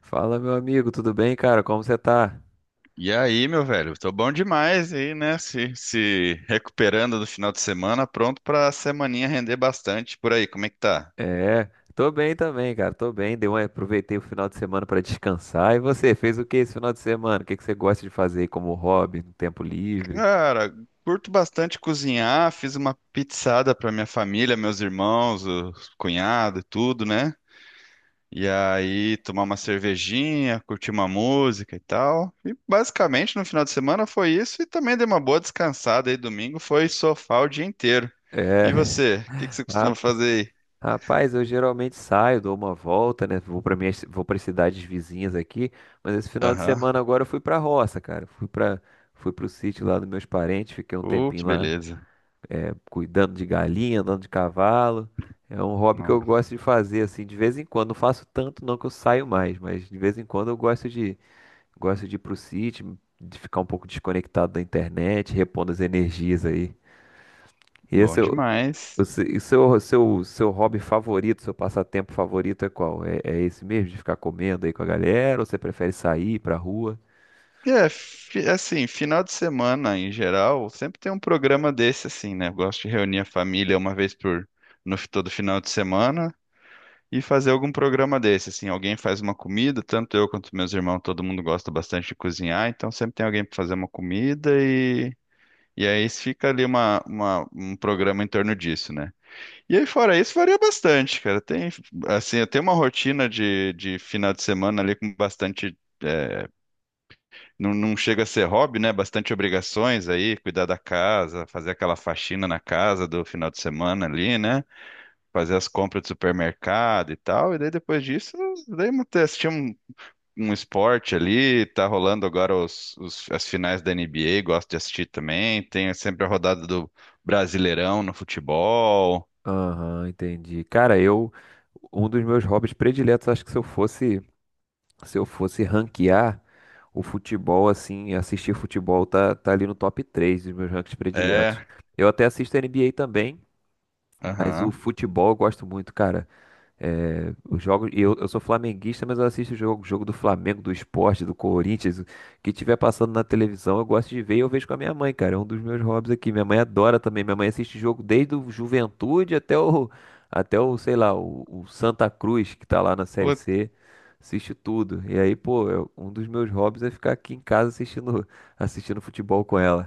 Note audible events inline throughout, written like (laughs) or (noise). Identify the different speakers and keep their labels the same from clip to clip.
Speaker 1: Fala, meu amigo, tudo bem, cara? Como você tá?
Speaker 2: E aí, meu velho, tô bom demais aí, né? Se recuperando do final de semana, pronto pra semaninha render bastante. Por aí, como é que tá?
Speaker 1: É, tô bem também, cara. Tô bem. Aproveitei o final de semana pra descansar. E você, fez o que esse final de semana? O que que você gosta de fazer aí como hobby, no tempo livre?
Speaker 2: Cara, curto bastante cozinhar, fiz uma pizzada pra minha família, meus irmãos, o cunhado e tudo, né? E aí, tomar uma cervejinha, curtir uma música e tal. E basicamente no final de semana foi isso e também dei uma boa descansada aí. Domingo foi sofá o dia inteiro.
Speaker 1: É,
Speaker 2: E você, o que que você costuma
Speaker 1: rap-
Speaker 2: fazer
Speaker 1: rapaz, eu geralmente saio, dou uma volta, né? Vou para cidades vizinhas aqui, mas esse
Speaker 2: aí?
Speaker 1: final de semana
Speaker 2: Aham.
Speaker 1: agora eu fui pra roça, cara. Fui pro sítio lá dos meus parentes, fiquei um
Speaker 2: Que
Speaker 1: tempinho lá
Speaker 2: beleza.
Speaker 1: cuidando de galinha, andando de cavalo. É um hobby que eu
Speaker 2: No-
Speaker 1: gosto de fazer assim de vez em quando. Não faço tanto não que eu saio mais, mas de vez em quando eu gosto de ir pro sítio, de ficar um pouco desconectado da internet, repondo as energias aí. E
Speaker 2: Bom
Speaker 1: esse é o o
Speaker 2: demais.
Speaker 1: se- e seu, seu, seu hobby favorito, seu passatempo favorito é qual? É, é esse mesmo, de ficar comendo aí com a galera, ou você prefere sair pra rua?
Speaker 2: É, assim, final de semana em geral, sempre tem um programa desse assim, né? Eu gosto de reunir a família uma vez por no fi- todo final de semana e fazer algum programa desse, assim, alguém faz uma comida, tanto eu quanto meus irmãos, todo mundo gosta bastante de cozinhar, então sempre tem alguém para fazer uma comida e aí fica ali um programa em torno disso, né? E aí, fora isso, varia bastante, cara. Tem, assim, eu tenho uma rotina de final de semana ali com bastante. É, não chega a ser hobby, né? Bastante obrigações aí, cuidar da casa, fazer aquela faxina na casa do final de semana ali, né? Fazer as compras do supermercado e tal. E daí depois disso, assistir um esporte ali. Tá rolando agora as finais da NBA, gosto de assistir também. Tem sempre a rodada do Brasileirão no futebol.
Speaker 1: Aham, entendi. Cara, um dos meus hobbies prediletos, acho que se eu fosse ranquear o futebol, assim, assistir futebol tá ali no top 3 dos meus rankings prediletos.
Speaker 2: É,
Speaker 1: Eu até assisto NBA também, mas o
Speaker 2: aham.
Speaker 1: futebol eu gosto muito, cara. É, os jogos, e eu sou flamenguista, mas eu assisto o jogo do Flamengo, do esporte, do Corinthians, o que tiver passando na televisão, eu gosto de ver e eu vejo com a minha mãe, cara. É um dos meus hobbies aqui. Minha mãe adora também. Minha mãe assiste jogo desde o até o, sei lá, o Santa Cruz, que tá lá na Série C. Assiste tudo. E aí, pô, um dos meus hobbies é ficar aqui em casa assistindo futebol com ela.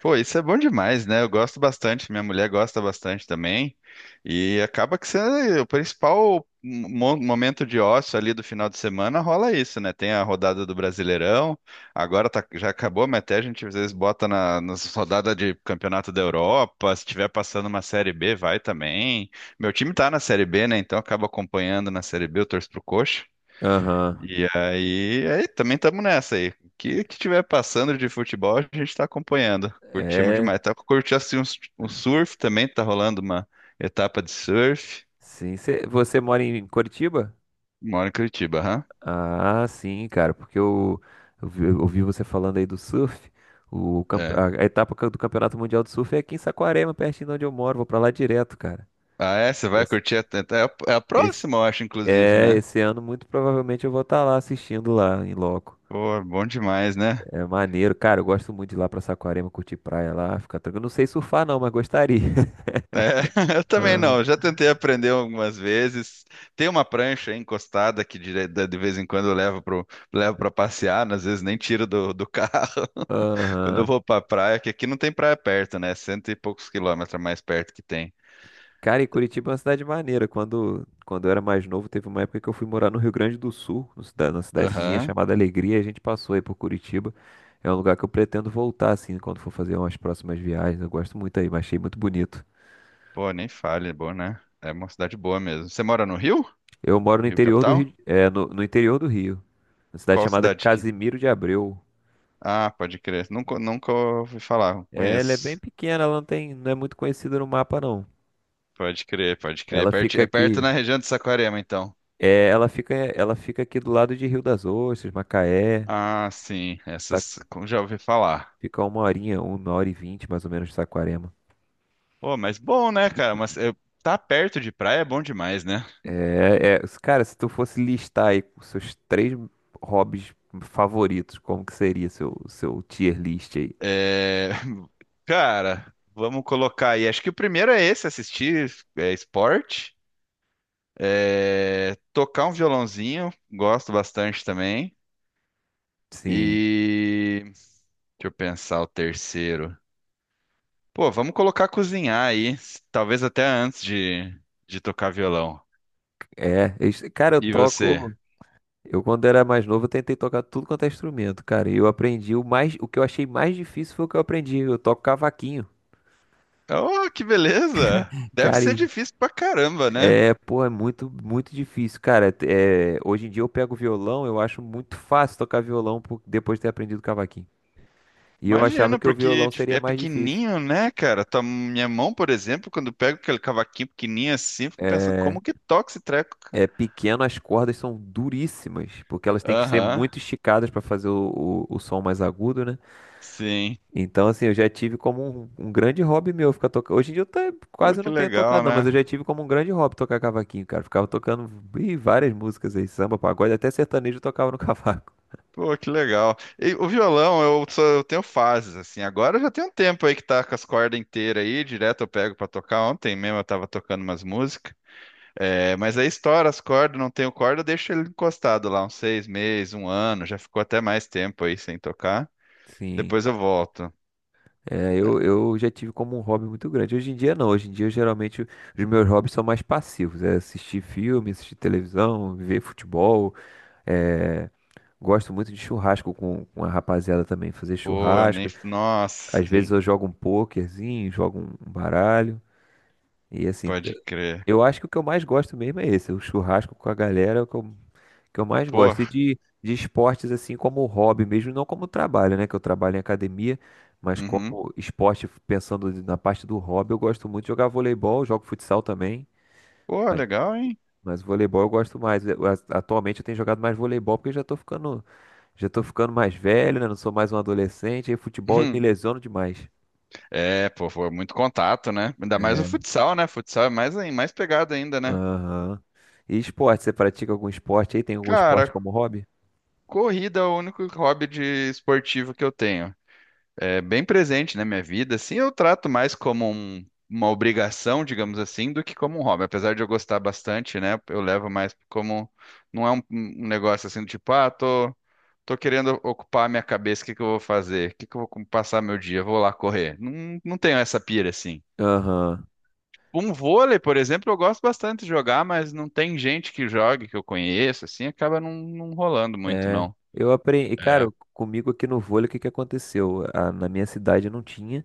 Speaker 2: Pô, isso é bom demais, né? Eu gosto bastante, minha mulher gosta bastante também. E acaba que você, o principal momento de ócio ali do final de semana rola isso, né? Tem a rodada do Brasileirão, já acabou, mas até a gente às vezes bota nas rodadas de Campeonato da Europa. Se tiver passando uma Série B, vai também. Meu time tá na Série B, né? Então acaba acompanhando na Série B, eu torço pro Coxa.
Speaker 1: Aham.
Speaker 2: E aí, aí também estamos nessa aí. O que que tiver passando de futebol, a gente está acompanhando. Curtimos
Speaker 1: É.
Speaker 2: demais. Tá curtindo assim um surf também, tá rolando uma etapa de surf.
Speaker 1: Sim. Você mora em Curitiba?
Speaker 2: Moro em Curitiba, aham.
Speaker 1: Ah, sim, cara, porque eu vi, eu ouvi você falando aí do surf. O, campe-
Speaker 2: É.
Speaker 1: a, a etapa do Campeonato Mundial de Surf é aqui em Saquarema, pertinho de onde eu moro. Vou pra lá direto, cara.
Speaker 2: Ah, é? Você vai
Speaker 1: Esse,
Speaker 2: curtir a... É a
Speaker 1: esse,
Speaker 2: próxima, eu acho, inclusive, né?
Speaker 1: esse ano, muito provavelmente, eu vou estar lá assistindo lá em loco.
Speaker 2: Pô, bom demais, né?
Speaker 1: É maneiro, cara. Eu gosto muito de ir lá pra Saquarema, curtir praia lá, ficar tranquilo. Não sei surfar, não, mas gostaria. (laughs)
Speaker 2: É, (laughs) eu também
Speaker 1: Aham.
Speaker 2: não. Já tentei aprender algumas vezes. Tem uma prancha aí encostada que de vez em quando eu levo levo para passear, às vezes nem tiro do (laughs) carro. Quando eu
Speaker 1: Aham.
Speaker 2: vou pra praia, que aqui não tem praia perto, né? Cento e poucos km mais perto que tem.
Speaker 1: Cara, e Curitiba é uma cidade maneira. Quando eu era mais novo, teve uma época que eu fui morar no Rio Grande do Sul, no numa cidadezinha
Speaker 2: Aham.
Speaker 1: chamada Alegria, e a gente passou aí por Curitiba. É um lugar que eu pretendo voltar, assim, quando for fazer umas próximas viagens. Eu gosto muito aí, mas achei muito bonito.
Speaker 2: Pô, nem fale, é bom, né? É uma cidade boa mesmo. Você mora no Rio?
Speaker 1: Eu moro no
Speaker 2: Rio
Speaker 1: interior do
Speaker 2: capital?
Speaker 1: Rio, no interior do Rio, na cidade
Speaker 2: Qual
Speaker 1: chamada
Speaker 2: cidade que?
Speaker 1: Casimiro de Abreu.
Speaker 2: Ah, pode crer. Nunca ouvi falar.
Speaker 1: É, ela é bem
Speaker 2: Conheço.
Speaker 1: pequena, ela não tem, não é muito conhecida no mapa, não.
Speaker 2: Pode crer, pode crer.
Speaker 1: Ela fica
Speaker 2: É perto
Speaker 1: aqui,
Speaker 2: na região de Saquarema, então.
Speaker 1: ela fica aqui do lado de Rio das Ostras, Macaé.
Speaker 2: Ah, sim. Essas como já ouvi falar.
Speaker 1: Fica uma horinha, uma hora e vinte mais ou menos de Saquarema.
Speaker 2: Pô, mas bom, né, cara? Mas eu... tá perto de praia é bom demais, né?
Speaker 1: É, é, cara, se tu fosse listar aí os seus 3 hobbies favoritos, como que seria seu tier list aí?
Speaker 2: É, (laughs) cara, vamos colocar aí. Acho que o primeiro é esse, assistir é, esporte, é, tocar um violãozinho, gosto bastante também.
Speaker 1: Sim,
Speaker 2: E deixa eu pensar o terceiro. Pô, vamos colocar cozinhar aí, talvez até antes de tocar violão.
Speaker 1: cara, eu
Speaker 2: E você?
Speaker 1: toco. Eu quando era mais novo, eu tentei tocar tudo quanto é instrumento, cara. E eu aprendi o que eu achei mais difícil foi o que eu aprendi. Eu toco cavaquinho,
Speaker 2: Oh, que beleza! Deve
Speaker 1: cara.
Speaker 2: ser
Speaker 1: E
Speaker 2: difícil pra caramba, né?
Speaker 1: é, pô, é muito difícil, cara. É, hoje em dia eu pego violão, eu acho muito fácil tocar violão depois de ter aprendido cavaquinho. E eu achava
Speaker 2: Imagina,
Speaker 1: que o
Speaker 2: porque
Speaker 1: violão
Speaker 2: tipo,
Speaker 1: seria
Speaker 2: é
Speaker 1: mais difícil.
Speaker 2: pequenininho, né, cara? Minha mão, por exemplo, quando eu pego aquele cavaquinho pequenininho assim, eu fico pensando,
Speaker 1: É,
Speaker 2: como que toca esse treco, cara?
Speaker 1: é pequeno, as cordas são duríssimas, porque elas têm que ser
Speaker 2: Aham,
Speaker 1: muito esticadas para fazer o som mais agudo, né?
Speaker 2: sim.
Speaker 1: Então, assim, eu já tive como um grande hobby meu ficar tocando. Hoje em dia eu até
Speaker 2: Pô,
Speaker 1: quase
Speaker 2: que
Speaker 1: não tenho
Speaker 2: legal,
Speaker 1: tocado, não, mas eu já
Speaker 2: né?
Speaker 1: tive como um grande hobby tocar cavaquinho, cara. Ficava tocando várias músicas aí, samba, pagode, até sertanejo eu tocava no (laughs) cavaco.
Speaker 2: Pô, que legal. E o violão, eu, só, eu tenho fases, assim. Agora eu já tem um tempo aí que tá com as cordas inteiras aí, direto eu pego pra tocar. Ontem mesmo eu tava tocando umas músicas. É, mas aí estoura as cordas, não tenho corda, eu deixo ele encostado lá uns seis meses, um ano, já ficou até mais tempo aí sem tocar.
Speaker 1: Sim.
Speaker 2: Depois eu volto.
Speaker 1: Eu já tive como um hobby muito grande. Hoje em dia não, hoje em dia geralmente os meus hobbies são mais passivos. É assistir filme, assistir televisão, ver futebol. é, Gosto muito de churrasco com a rapaziada também, fazer
Speaker 2: Pô, nem.
Speaker 1: churrasco.
Speaker 2: Nossa,
Speaker 1: Às vezes
Speaker 2: assim,
Speaker 1: eu jogo um pokerzinho, jogo um baralho. E assim, t-
Speaker 2: pode crer.
Speaker 1: eu acho que o que eu mais gosto mesmo é esse, o churrasco com a galera, é o que eu mais
Speaker 2: Pô,
Speaker 1: gosto. E de esportes assim como hobby mesmo, não como trabalho, né? Que eu trabalho em academia, mas
Speaker 2: uhum.
Speaker 1: como esporte, pensando na parte do hobby, eu gosto muito de jogar voleibol, jogo futsal também.
Speaker 2: Pô,
Speaker 1: Mas,
Speaker 2: legal, hein? (laughs)
Speaker 1: mas voleibol eu gosto mais. Atualmente eu tenho jogado mais voleibol porque eu já tô ficando mais velho, né? Não sou mais um adolescente, e futebol eu me
Speaker 2: Uhum.
Speaker 1: lesiono demais.
Speaker 2: É, pô, foi muito contato, né? Ainda mais o
Speaker 1: É.
Speaker 2: futsal, né? Futsal é mais, mais pegado ainda, né?
Speaker 1: Aham. E esporte, você pratica algum esporte aí? Tem algum
Speaker 2: Cara,
Speaker 1: esporte como hobby?
Speaker 2: corrida é o único hobby de esportivo que eu tenho. É bem presente na minha vida, assim, eu trato mais como uma obrigação, digamos assim, do que como um hobby. Apesar de eu gostar bastante, né? Eu levo mais como. Não é um negócio assim, tipo, ah, tô. Tô querendo ocupar a minha cabeça, o que que eu vou fazer? O que que eu vou passar meu dia? Vou lá correr. Não tenho essa pira assim.
Speaker 1: Aham.
Speaker 2: Um vôlei, por exemplo, eu gosto bastante de jogar, mas não tem gente que jogue, que eu conheço, assim, acaba não rolando muito,
Speaker 1: É,
Speaker 2: não.
Speaker 1: eu aprendi, cara, comigo aqui no vôlei, o que que aconteceu? Na minha cidade não tinha.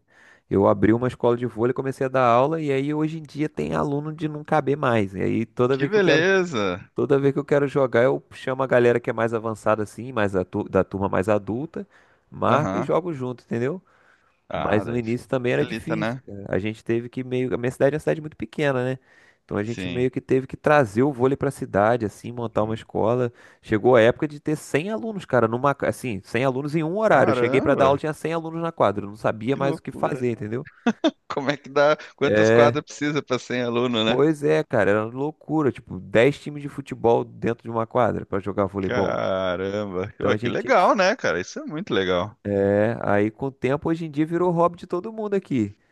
Speaker 1: Eu abri uma escola de vôlei, comecei a dar aula e aí hoje em dia tem aluno de não caber mais. E aí
Speaker 2: Que beleza!
Speaker 1: toda vez que eu quero jogar, eu chamo a galera que é mais avançada assim, da turma mais adulta, marco e
Speaker 2: Aham.
Speaker 1: jogo junto, entendeu?
Speaker 2: Ah,
Speaker 1: Mas no início também era
Speaker 2: facilita,
Speaker 1: difícil,
Speaker 2: né?
Speaker 1: cara. A gente teve que meio. A minha cidade é uma cidade muito pequena, né? Então a gente meio
Speaker 2: Sim.
Speaker 1: que teve que trazer o vôlei pra cidade, assim, montar uma
Speaker 2: Sim.
Speaker 1: escola. Chegou a época de ter 100 alunos, cara, assim, 100 alunos em um horário. Eu cheguei pra dar aula,
Speaker 2: Caramba,
Speaker 1: tinha 100 alunos na quadra. Eu não sabia
Speaker 2: que
Speaker 1: mais o que
Speaker 2: loucura.
Speaker 1: fazer, entendeu?
Speaker 2: Como é que dá? Quantas quadras precisa para 100 aluno, né?
Speaker 1: Pois é, cara, era loucura. Tipo, 10 times de futebol dentro de uma quadra pra jogar voleibol.
Speaker 2: Caramba,
Speaker 1: Então
Speaker 2: ué,
Speaker 1: a
Speaker 2: que
Speaker 1: gente tinha que.
Speaker 2: legal, né, cara? Isso é muito legal.
Speaker 1: É, aí com o tempo, hoje em dia virou hobby de todo mundo aqui. (laughs)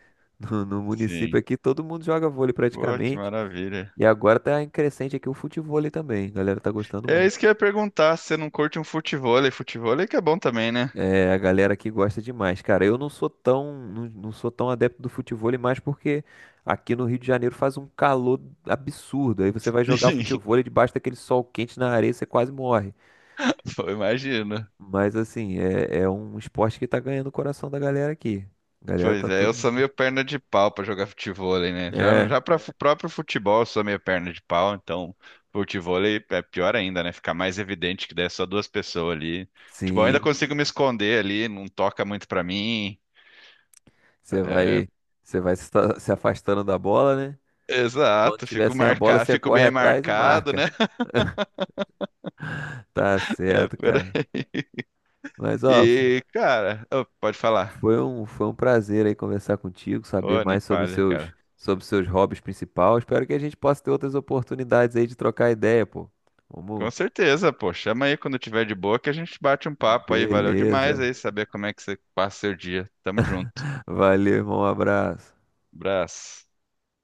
Speaker 1: No município
Speaker 2: Sim.
Speaker 1: aqui, todo mundo joga vôlei
Speaker 2: Pô, que
Speaker 1: praticamente.
Speaker 2: maravilha.
Speaker 1: E agora tá em crescente aqui o futevôlei também. A galera tá gostando
Speaker 2: É
Speaker 1: muito.
Speaker 2: isso que eu ia perguntar, se você não curte um futevôlei, futevôlei que é bom também, né?
Speaker 1: É, a galera aqui gosta demais. Cara, eu não sou tão, não, não sou tão adepto do futevôlei mais porque aqui no Rio de Janeiro faz um calor absurdo. Aí você vai jogar
Speaker 2: (laughs)
Speaker 1: futevôlei debaixo daquele sol quente na areia, você quase morre.
Speaker 2: Pô, imagina.
Speaker 1: Mas assim, é um esporte que tá ganhando o coração da galera aqui. A galera
Speaker 2: Pois
Speaker 1: tá
Speaker 2: é, eu
Speaker 1: todo.
Speaker 2: sou meio perna de pau pra jogar futevôlei, né?
Speaker 1: É,
Speaker 2: Já para próprio futebol eu sou meio perna de pau, então futevôlei é pior ainda, né? Fica mais evidente que daí é só duas pessoas ali. Futebol eu ainda
Speaker 1: sim.
Speaker 2: consigo me esconder ali, não toca muito pra mim.
Speaker 1: Você
Speaker 2: É,
Speaker 1: vai, você vai se afastando da bola, né? Quando
Speaker 2: exato,
Speaker 1: tiver
Speaker 2: fico
Speaker 1: sem a bola,
Speaker 2: marcado,
Speaker 1: você
Speaker 2: fico
Speaker 1: corre
Speaker 2: bem
Speaker 1: atrás e
Speaker 2: marcado, né?
Speaker 1: marca.
Speaker 2: (laughs)
Speaker 1: Tá
Speaker 2: É,
Speaker 1: certo,
Speaker 2: por
Speaker 1: cara.
Speaker 2: aí.
Speaker 1: Mas ó,
Speaker 2: E, cara, ô, pode falar.
Speaker 1: foi um prazer aí conversar contigo, saber
Speaker 2: Ô, nem
Speaker 1: mais
Speaker 2: falha, cara.
Speaker 1: sobre seus hobbies principais. Espero que a gente possa ter outras oportunidades aí de trocar ideia, pô.
Speaker 2: Com
Speaker 1: Vamos.
Speaker 2: certeza, pô. Chama aí quando tiver de boa que a gente bate um papo aí. Valeu demais
Speaker 1: Beleza.
Speaker 2: aí saber como é que você passa seu dia. Tamo junto.
Speaker 1: Valeu, irmão. Um abraço.
Speaker 2: Abraço.